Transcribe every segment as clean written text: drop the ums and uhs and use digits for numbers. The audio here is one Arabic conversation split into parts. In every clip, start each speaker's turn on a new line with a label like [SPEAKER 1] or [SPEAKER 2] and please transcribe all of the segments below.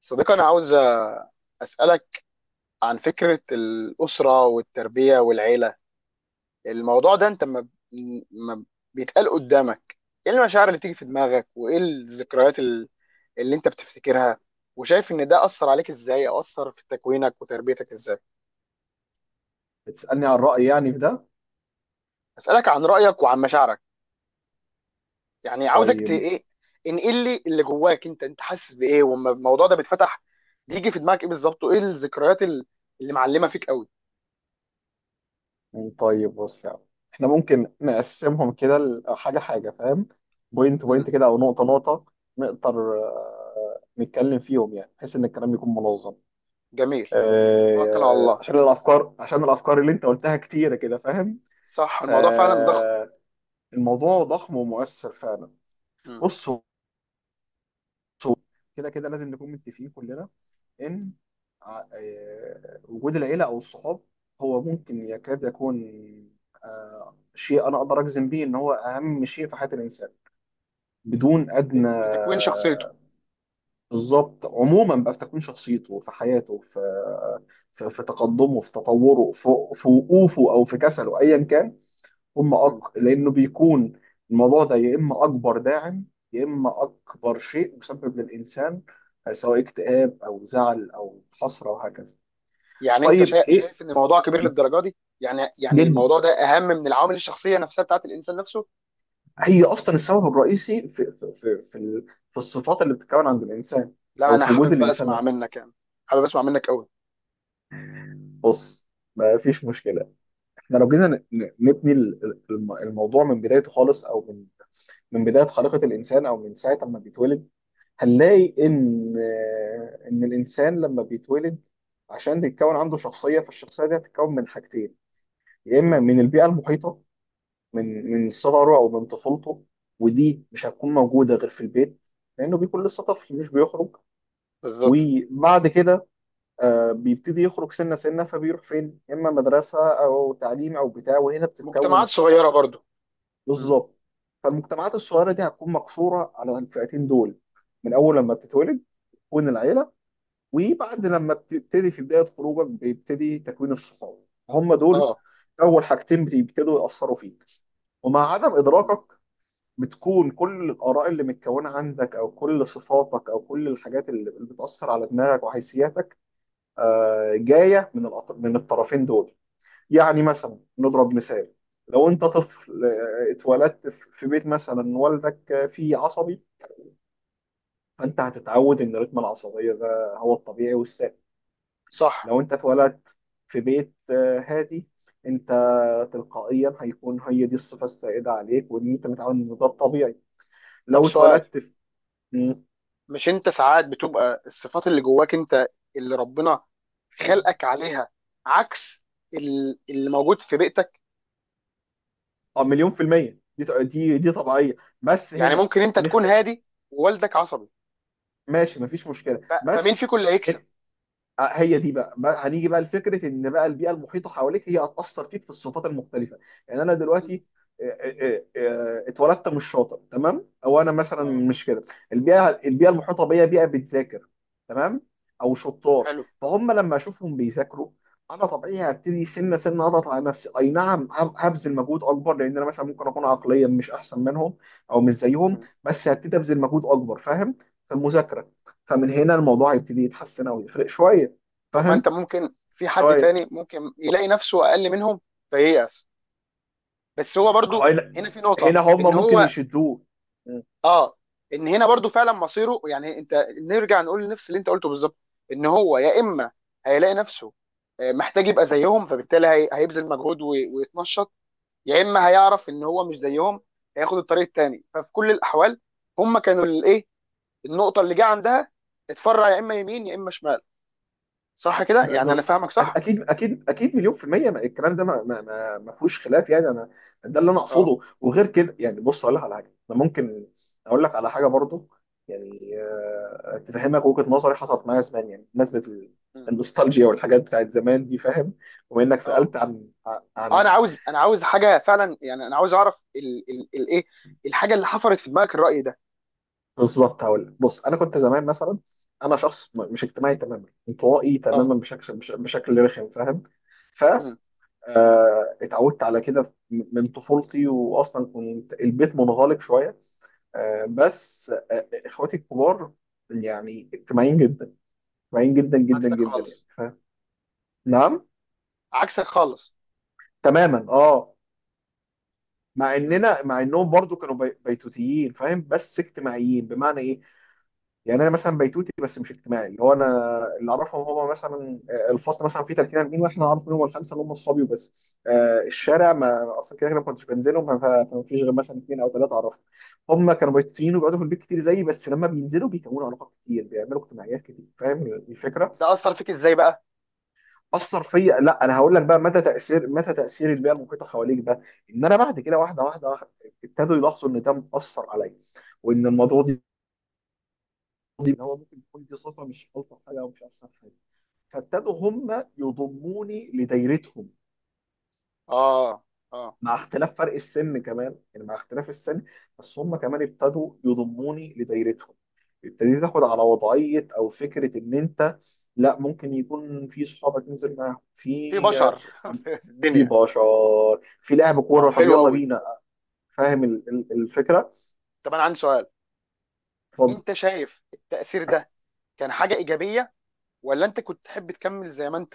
[SPEAKER 1] صديقي، أنا عاوز أسألك عن فكرة الأسرة والتربية والعيلة. الموضوع ده أنت ما بيتقال قدامك، إيه المشاعر اللي تيجي في دماغك وإيه الذكريات اللي أنت بتفتكرها، وشايف إن ده أثر عليك إزاي، أو أثر في تكوينك وتربيتك إزاي؟
[SPEAKER 2] بتسألني عن رأيي يعني في ده؟
[SPEAKER 1] أسألك عن رأيك وعن مشاعرك. يعني عاوزك
[SPEAKER 2] طيب.
[SPEAKER 1] إيه، انقل لي اللي جواك. أنت حاسس بإيه وما الموضوع ده بيتفتح، بيجي في دماغك إيه بالظبط، وإيه الذكريات اللي معلمة فيك قوي؟
[SPEAKER 2] طيب بص يعني احنا ممكن نقسمهم كده حاجة حاجة، فاهم؟ بوينت
[SPEAKER 1] امم.
[SPEAKER 2] بوينت كده أو نقطة نقطة، نقدر نتكلم فيهم يعني بحيث إن الكلام يكون منظم.
[SPEAKER 1] جميل، توكل على الله.
[SPEAKER 2] عشان الأفكار اللي أنت قلتها كتيرة كده، فاهم؟
[SPEAKER 1] صح، الموضوع فعلا ضخم.
[SPEAKER 2] فالموضوع ضخم ومؤثر فعلا.
[SPEAKER 1] مم.
[SPEAKER 2] بص، شو- كده كده لازم نكون متفقين كلنا ان وجود العيله او الصحاب هو ممكن يكاد يكون شيء انا اقدر اجزم بيه ان هو اهم شيء في حياه الانسان بدون
[SPEAKER 1] في
[SPEAKER 2] ادنى.
[SPEAKER 1] في تكوين شخصيته.
[SPEAKER 2] بالظبط، عموما بقى في تكوين شخصيته، في حياته، في تقدمه، في تطوره، في وقوفه او في كسله ايا كان.
[SPEAKER 1] مم.
[SPEAKER 2] لأنه بيكون الموضوع ده يا إما أكبر داعم، يا إما أكبر شيء مسبب للإنسان سواء اكتئاب أو زعل أو حسرة وهكذا.
[SPEAKER 1] يعني انت
[SPEAKER 2] طيب إيه،
[SPEAKER 1] شايف ان الموضوع كبير للدرجه دي؟ يعني
[SPEAKER 2] جدا،
[SPEAKER 1] الموضوع ده اهم من العوامل الشخصيه نفسها بتاعت الانسان نفسه؟
[SPEAKER 2] هي أصلا السبب الرئيسي في الصفات اللي بتتكون عند الإنسان،
[SPEAKER 1] لا،
[SPEAKER 2] أو
[SPEAKER 1] انا
[SPEAKER 2] في وجود
[SPEAKER 1] حابب بقى
[SPEAKER 2] الإنسان
[SPEAKER 1] اسمع
[SPEAKER 2] ده.
[SPEAKER 1] منك يعني، حابب اسمع منك قوي.
[SPEAKER 2] بص، ما فيش مشكلة. احنا لو جينا نبني الموضوع من بدايته خالص، أو من بداية خليقة الإنسان، أو من ساعة ما بيتولد هنلاقي إن الإنسان لما بيتولد، عشان تتكون عنده شخصية فالشخصية دي هتتكون من حاجتين. يا إما
[SPEAKER 1] مم.
[SPEAKER 2] من البيئة المحيطة من صغره أو من طفولته، ودي مش هتكون موجودة غير في البيت، لأنه بيكون لسه طفل مش بيخرج.
[SPEAKER 1] بالظبط.
[SPEAKER 2] وبعد كده، بيبتدي يخرج سنة سنة، فبيروح فين؟ يا إما مدرسة أو تعليم أو بتاع، وهنا بتتكون
[SPEAKER 1] مجتمعات
[SPEAKER 2] الصحاب.
[SPEAKER 1] صغيره برضو. مم.
[SPEAKER 2] بالظبط. فالمجتمعات الصغيره دي هتكون مقصوره على الفئتين دول، من اول لما بتتولد تكون العيله، وبعد لما بتبتدي في بدايه خروجك بيبتدي تكوين الصحاب. هم دول
[SPEAKER 1] اه.
[SPEAKER 2] اول حاجتين بيبتدوا ياثروا فيك، ومع عدم
[SPEAKER 1] مم.
[SPEAKER 2] ادراكك بتكون كل الاراء اللي متكونه عندك، او كل صفاتك، او كل الحاجات اللي بتاثر على دماغك وحيثياتك، جايه من الطرفين دول. يعني مثلا نضرب مثال، لو انت طفل اتولدت في بيت مثلا والدك فيه عصبي، فانت هتتعود ان رتم العصبيه ده هو الطبيعي والسائد.
[SPEAKER 1] صح.
[SPEAKER 2] لو انت اتولدت في بيت هادي، انت تلقائيا هيكون هي دي الصفه السائده عليك وان انت متعود ان ده الطبيعي.
[SPEAKER 1] طب
[SPEAKER 2] لو
[SPEAKER 1] سؤال،
[SPEAKER 2] اتولدت في. مم.
[SPEAKER 1] مش انت ساعات بتبقى الصفات اللي جواك انت، اللي ربنا خلقك عليها، عكس اللي موجود في بيئتك؟
[SPEAKER 2] اه، مليون في الميه، دي طبيعيه بس
[SPEAKER 1] يعني
[SPEAKER 2] هنا
[SPEAKER 1] ممكن انت تكون
[SPEAKER 2] هنخت،
[SPEAKER 1] هادي ووالدك عصبي،
[SPEAKER 2] ماشي مفيش مشكله
[SPEAKER 1] فمين فيكم
[SPEAKER 2] بس.
[SPEAKER 1] اللي هيكسب؟
[SPEAKER 2] هي دي بقى هنيجي بقى لفكره ان بقى البيئه المحيطه حواليك هي هتاثر فيك في الصفات المختلفه. يعني انا
[SPEAKER 1] مم.
[SPEAKER 2] دلوقتي اتولدت مش شاطر تمام، او انا مثلا
[SPEAKER 1] اه.
[SPEAKER 2] مش كده. البيئه المحيطه بيا بيئه بتذاكر، تمام، او شطار.
[SPEAKER 1] حلو.
[SPEAKER 2] فهم لما اشوفهم بيذاكروا، انا طبيعي هبتدي سنه سنه اضغط على نفسي، اي نعم هبذل مجهود اكبر، لان انا مثلا ممكن اكون عقليا مش احسن منهم او مش زيهم،
[SPEAKER 1] مم.
[SPEAKER 2] بس هبتدي ابذل مجهود اكبر، فاهم؟ في المذاكره، فمن هنا الموضوع هيبتدي يتحسن او يفرق شويه،
[SPEAKER 1] طب، ما انت
[SPEAKER 2] فاهم؟
[SPEAKER 1] ممكن في حد
[SPEAKER 2] شويه.
[SPEAKER 1] تاني ممكن يلاقي نفسه اقل منهم فييأس، بس هو
[SPEAKER 2] ما هو
[SPEAKER 1] برضو
[SPEAKER 2] هنا،
[SPEAKER 1] هنا في نقطة
[SPEAKER 2] هنا هم
[SPEAKER 1] ان
[SPEAKER 2] ممكن
[SPEAKER 1] هو
[SPEAKER 2] يشدوه. مم.
[SPEAKER 1] اه، ان هنا برضو فعلا مصيره. يعني انت نرجع نقول نفس اللي انت قلته بالظبط، ان هو يا اما هيلاقي نفسه محتاج يبقى زيهم، فبالتالي هيبذل مجهود ويتنشط، يا اما هيعرف ان هو مش زيهم هياخد الطريق التاني. ففي كل الاحوال هم كانوا الايه، النقطة اللي جه عندها اتفرع يا اما يمين يا اما شمال. صح كده؟
[SPEAKER 2] ب-
[SPEAKER 1] يعني انا
[SPEAKER 2] ب-
[SPEAKER 1] فاهمك صح؟
[SPEAKER 2] اكيد اكيد اكيد، مليون في الميه، الكلام ده ما فيهوش خلاف يعني. انا ده اللي انا
[SPEAKER 1] اه.
[SPEAKER 2] اقصده، وغير كده يعني، بص اقول لك على حاجه انا ممكن اقول لك على حاجه برضو. يعني تفهمك وجهه نظري، حصلت معايا زمان يعني بمناسبه
[SPEAKER 1] مم.
[SPEAKER 2] النوستالجيا والحاجات بتاعت زمان دي، فاهم؟ وانك
[SPEAKER 1] اه.
[SPEAKER 2] سالت عن عن
[SPEAKER 1] انا عاوز حاجه فعلا، يعني انا عاوز اعرف ال الايه، الحاجه اللي حفرت في دماغك الراي ده.
[SPEAKER 2] بالظبط. هقول لك. بص انا كنت زمان مثلا، انا شخص مش اجتماعي تماما، انطوائي
[SPEAKER 1] اه.
[SPEAKER 2] تماما بشكل رخم، فاهم؟ ف
[SPEAKER 1] مم.
[SPEAKER 2] آه، اتعودت على كده من طفولتي، واصلا كنت البيت منغلق شويه. بس اخواتي الكبار، يعني اجتماعيين جدا، اجتماعيين جدا جدا
[SPEAKER 1] عكسك
[SPEAKER 2] جدا يعني،
[SPEAKER 1] خالص.
[SPEAKER 2] فاهم؟ نعم،
[SPEAKER 1] عكسك خالص.
[SPEAKER 2] تماما، اه.
[SPEAKER 1] مم.
[SPEAKER 2] مع انهم برضو كانوا بيتوتيين، فاهم؟ بس اجتماعيين بمعنى ايه، يعني انا مثلا بيتوتي بس مش اجتماعي، اللي هو انا اللي اعرفهم هو مثلا، الفصل مثلا فيه 30 40، واحنا عارف منهم الخمسه اللي هم اصحابي وبس.
[SPEAKER 1] مم.
[SPEAKER 2] الشارع، ما اصلا كده كده ما كنتش بنزلهم، فما فيش غير مثلا اثنين او ثلاثه اعرفهم. هم كانوا بيتوتيين وبيقعدوا في البيت كتير زيي، بس لما بينزلوا بيكونوا علاقات كتير، بيعملوا اجتماعيات كتير، فاهم الفكره؟
[SPEAKER 1] ده اثر فيك ازاي بقى؟
[SPEAKER 2] اثر فيا؟ لا، انا هقول لك بقى متى تاثير البيئه المحيطه حواليك ده، ان انا بعد كده، واحده واحده واحدة ابتدوا يلاحظوا ان ده مأثر عليا، وان الموضوع ان هو ممكن يكون دي صفه مش الطف حاجه او مش احسن حاجه. فابتدوا هم يضموني لدايرتهم،
[SPEAKER 1] اه. اه.
[SPEAKER 2] مع اختلاف فرق السن كمان، يعني مع اختلاف السن، بس هم كمان ابتدوا يضموني لدايرتهم. ابتديت تاخد
[SPEAKER 1] مم.
[SPEAKER 2] على وضعية او فكرة ان انت لا، ممكن يكون في صحابك ننزل معاهم في،
[SPEAKER 1] في بشر في
[SPEAKER 2] في
[SPEAKER 1] الدنيا.
[SPEAKER 2] بشر، في لعب
[SPEAKER 1] اه،
[SPEAKER 2] كورة، طب
[SPEAKER 1] حلو
[SPEAKER 2] يلا
[SPEAKER 1] قوي.
[SPEAKER 2] بينا، فاهم الفكرة؟
[SPEAKER 1] طب انا عندي سؤال،
[SPEAKER 2] اتفضل.
[SPEAKER 1] انت شايف التاثير ده كان حاجه ايجابيه، ولا انت كنت تحب تكمل زي ما انت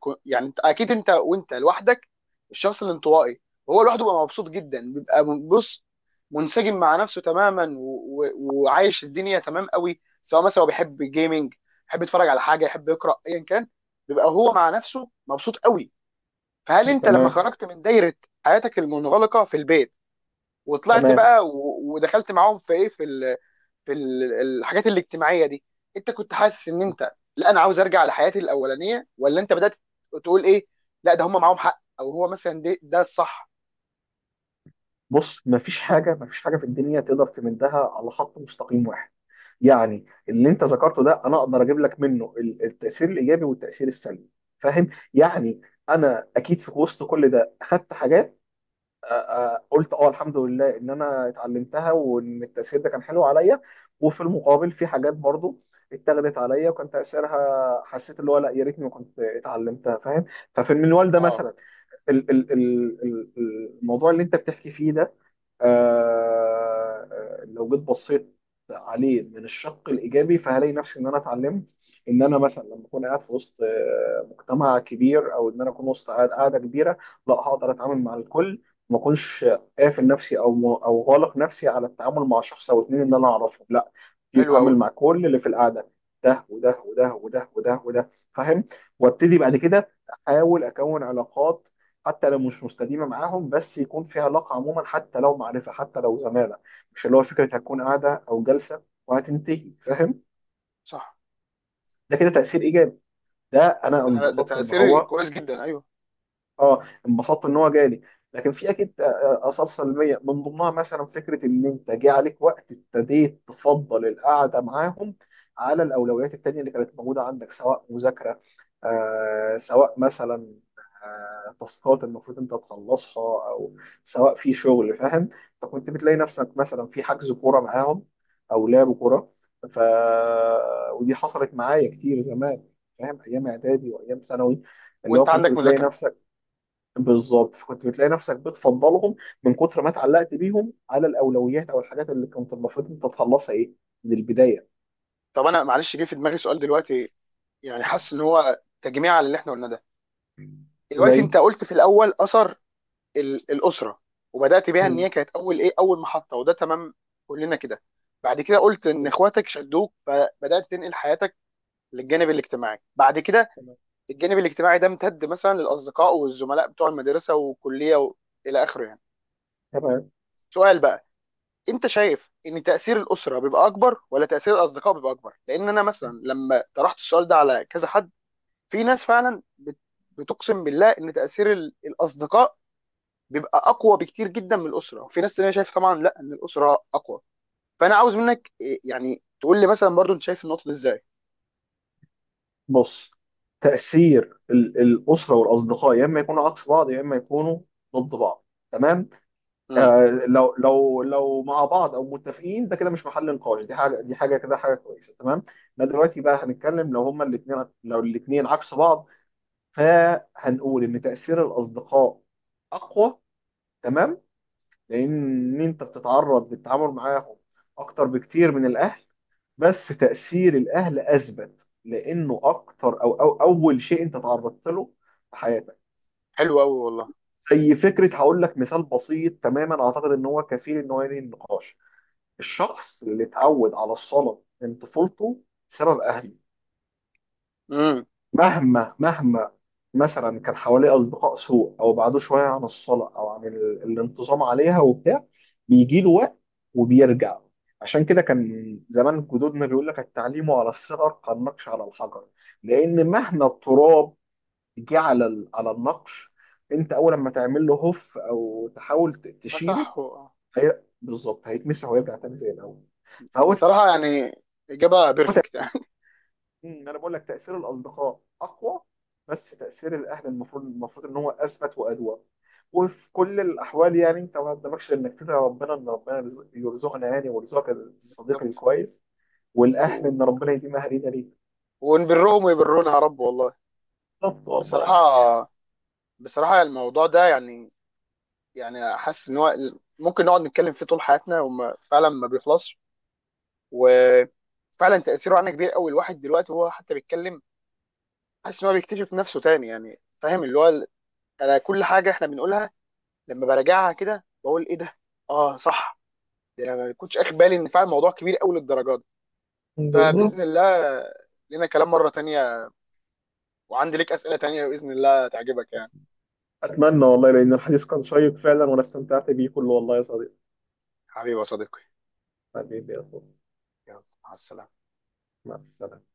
[SPEAKER 1] يعني؟ انت اكيد، انت وانت لوحدك الشخص الانطوائي هو لوحده بيبقى مبسوط جدا، بيبقى بص، منسجم مع نفسه تماما، وعايش الدنيا تمام قوي. سواء مثلا هو بيحب جيمنج، يحب يتفرج على حاجه، يحب يقرا، ايا كان، بيبقى هو مع نفسه مبسوط قوي. فهل انت لما
[SPEAKER 2] تمام،
[SPEAKER 1] خرجت من دايره حياتك المنغلقه في البيت وطلعت
[SPEAKER 2] تمام.
[SPEAKER 1] بقى ودخلت معاهم في ايه، في في الحاجات الاجتماعيه دي، انت كنت حاسس ان انت، لا انا عاوز ارجع لحياتي الاولانيه؟ ولا انت بدات تقول ايه، لا ده هم معاهم حق، او هو مثلا ده ده الصح؟
[SPEAKER 2] بص، مفيش حاجة، مفيش حاجة في الدنيا تقدر تمدها على خط مستقيم واحد. يعني اللي انت ذكرته ده انا اقدر اجيب لك منه التاثير الايجابي والتاثير السلبي، فاهم؟ يعني انا اكيد في وسط كل ده اخدت حاجات، آه، قلت اه، الحمد لله ان انا اتعلمتها وان التاثير ده كان حلو عليا. وفي المقابل في حاجات برضو اتاخدت عليا وكان تاثيرها، حسيت اللي هو لا، يا ريتني ما كنت اتعلمتها، فاهم؟ ففي المنوال ده
[SPEAKER 1] اه،
[SPEAKER 2] مثلا، ال- ال- ال- ال- الموضوع اللي انت بتحكي فيه ده، آه، لو جيت بصيت عليه من الشق الايجابي فهلاقي نفسي ان انا اتعلمت ان انا مثلا لما اكون قاعد في وسط مجتمع كبير، او ان انا اكون وسط قاعده كبيره، لا هقدر اتعامل مع الكل، ما اكونش قافل نفسي او غالق نفسي على التعامل مع شخص او اتنين ان انا اعرفهم، لا
[SPEAKER 1] حلو قوي.
[SPEAKER 2] تتعامل مع كل اللي في القعده، ده وده وده وده وده وده، فاهم؟ وابتدي بعد كده احاول اكون علاقات، حتى لو مش مستديمه معاهم، بس يكون في علاقه عموما، حتى لو معرفه، حتى لو زماله، مش اللي هو فكره هتكون قاعده او جلسه وهتنتهي، فاهم؟
[SPEAKER 1] صح.
[SPEAKER 2] ده كده تاثير ايجابي. ده انا
[SPEAKER 1] ده
[SPEAKER 2] انبسطت ان
[SPEAKER 1] تاثير
[SPEAKER 2] هو
[SPEAKER 1] كويس جدا ايوه.
[SPEAKER 2] اه انبسطت ان هو جالي. لكن في اكيد اثار سلبيه، من ضمنها مثلا فكره ان انت جه عليك وقت ابتديت تفضل القعده معاهم على الاولويات التانيه اللي كانت موجوده عندك، سواء مذاكره، سواء مثلا تاسكات المفروض انت تخلصها، او سواء في شغل، فاهم؟ فكنت بتلاقي نفسك مثلا في حجز كوره معاهم او لعب كوره، ف ودي حصلت معايا كتير زمان، فاهم؟ ايام اعدادي وايام ثانوي، اللي
[SPEAKER 1] وانت
[SPEAKER 2] هو كنت
[SPEAKER 1] عندك
[SPEAKER 2] بتلاقي
[SPEAKER 1] مذاكره.
[SPEAKER 2] نفسك، بالظبط، فكنت بتلاقي نفسك بتفضلهم من كتر ما اتعلقت بيهم على الاولويات او الحاجات اللي كنت المفروض انت تخلصها ايه، من البدايه.
[SPEAKER 1] طب انا معلش جه في دماغي سؤال دلوقتي، يعني حاسس ان هو تجميع على اللي احنا قلناه ده. دلوقتي
[SPEAKER 2] زي.
[SPEAKER 1] انت قلت في الاول، اثر الاسره، وبدات بيها ان
[SPEAKER 2] مم.
[SPEAKER 1] هي كانت اول ايه، اول محطه، وده تمام، كلنا كده. بعد كده قلت ان اخواتك شدوك، فبدات تنقل حياتك للجانب الاجتماعي بعد كده.
[SPEAKER 2] تمام.
[SPEAKER 1] الجانب الاجتماعي ده امتد مثلا للاصدقاء والزملاء بتوع المدرسه والكليه الى اخره يعني.
[SPEAKER 2] تمام.
[SPEAKER 1] سؤال بقى، انت شايف ان تاثير الاسره بيبقى اكبر، ولا تاثير الاصدقاء بيبقى اكبر؟ لان انا مثلا لما طرحت السؤال ده على كذا حد، في ناس فعلا بتقسم بالله ان تاثير الاصدقاء بيبقى اقوى بكتير جدا من الاسره، وفي ناس تانية شايفه طبعا لا، ان الاسره اقوى. فانا عاوز منك يعني تقول لي مثلا برضو انت شايف النقطه دي ازاي.
[SPEAKER 2] بص، تأثير الأسرة والأصدقاء يا إما يكونوا عكس بعض، يا إما يكونوا ضد بعض، تمام.
[SPEAKER 1] امم.
[SPEAKER 2] آه، لو مع بعض أو متفقين، ده كده مش محل نقاش، دي حاجة كده، حاجة كويسة، تمام. إحنا دلوقتي بقى هنتكلم لو الاتنين عكس بعض، فهنقول ان تأثير الاصدقاء اقوى، تمام، لان انت بتتعرض للتعامل معاهم اكتر بكتير من الاهل. بس تأثير الاهل اثبت لانه اكتر، أو اول شيء انت تعرضت له في حياتك.
[SPEAKER 1] حلو قوي والله.
[SPEAKER 2] زي فكره، هقول لك مثال بسيط تماما اعتقد ان هو كفيل ان هو ينهي النقاش. الشخص اللي اتعود على الصلاه من طفولته بسبب اهله،
[SPEAKER 1] امم.
[SPEAKER 2] مهما مثلا كان حواليه اصدقاء سوء او بعدوه شويه عن الصلاه، او عن الانتظام عليها وبتاع، بيجي له وقت وبيرجع. عشان كده كان زمان جدودنا بيقول لك، التعليم على الصغر كالنقش على الحجر. لان مهما التراب جه على النقش، انت اول ما تعمل له هف او تحاول
[SPEAKER 1] ما
[SPEAKER 2] تشيله،
[SPEAKER 1] صح.
[SPEAKER 2] هي بالظبط هيتمسح ويرجع تاني زي الاول. فهو.
[SPEAKER 1] بصراحة، يعني إجابة بيرفكت يعني.
[SPEAKER 2] مم، انا بقول لك تاثير الاصدقاء اقوى، بس تاثير الاهل، المفروض ان هو اثبت وادوى. وفي كل الاحوال يعني، انت ما قدامكش انك تدعي ربنا، ان ربنا يرزقنا يعني ويرزقك الصديق
[SPEAKER 1] بالظبط.
[SPEAKER 2] الكويس، والاهل
[SPEAKER 1] و...
[SPEAKER 2] ان ربنا يديم اهالينا ليك.
[SPEAKER 1] ونبرهم ويبرونا يا رب والله.
[SPEAKER 2] بالظبط،
[SPEAKER 1] بصراحة،
[SPEAKER 2] والله.
[SPEAKER 1] بصراحة الموضوع ده يعني، يعني حاسس إن هو ممكن نقعد نتكلم فيه طول حياتنا، وما فعلا ما بيخلصش. وفعلا تأثيره علينا كبير قوي. الواحد دلوقتي وهو حتى بيتكلم حاسس إن هو بيكتشف نفسه تاني يعني. فاهم، اللي هو أنا كل حاجة إحنا بنقولها لما براجعها كده بقول إيه ده؟ آه صح، ده أنا ما كنتش أخد بالي إن فعلا الموضوع كبير قوي للدرجة دي. فبإذن
[SPEAKER 2] بالظبط.
[SPEAKER 1] الله لنا كلام مرة تانية، وعندي ليك اسئله تانيه باذن الله تعجبك يعني.
[SPEAKER 2] اتمنى والله، لان الحديث كان شيق فعلا وانا استمتعت بيه كله، والله يا صديقي.
[SPEAKER 1] حبيبي يا صديقي.
[SPEAKER 2] حبيبي يا صديقي،
[SPEAKER 1] يلا، مع السلامه.
[SPEAKER 2] مع السلامه.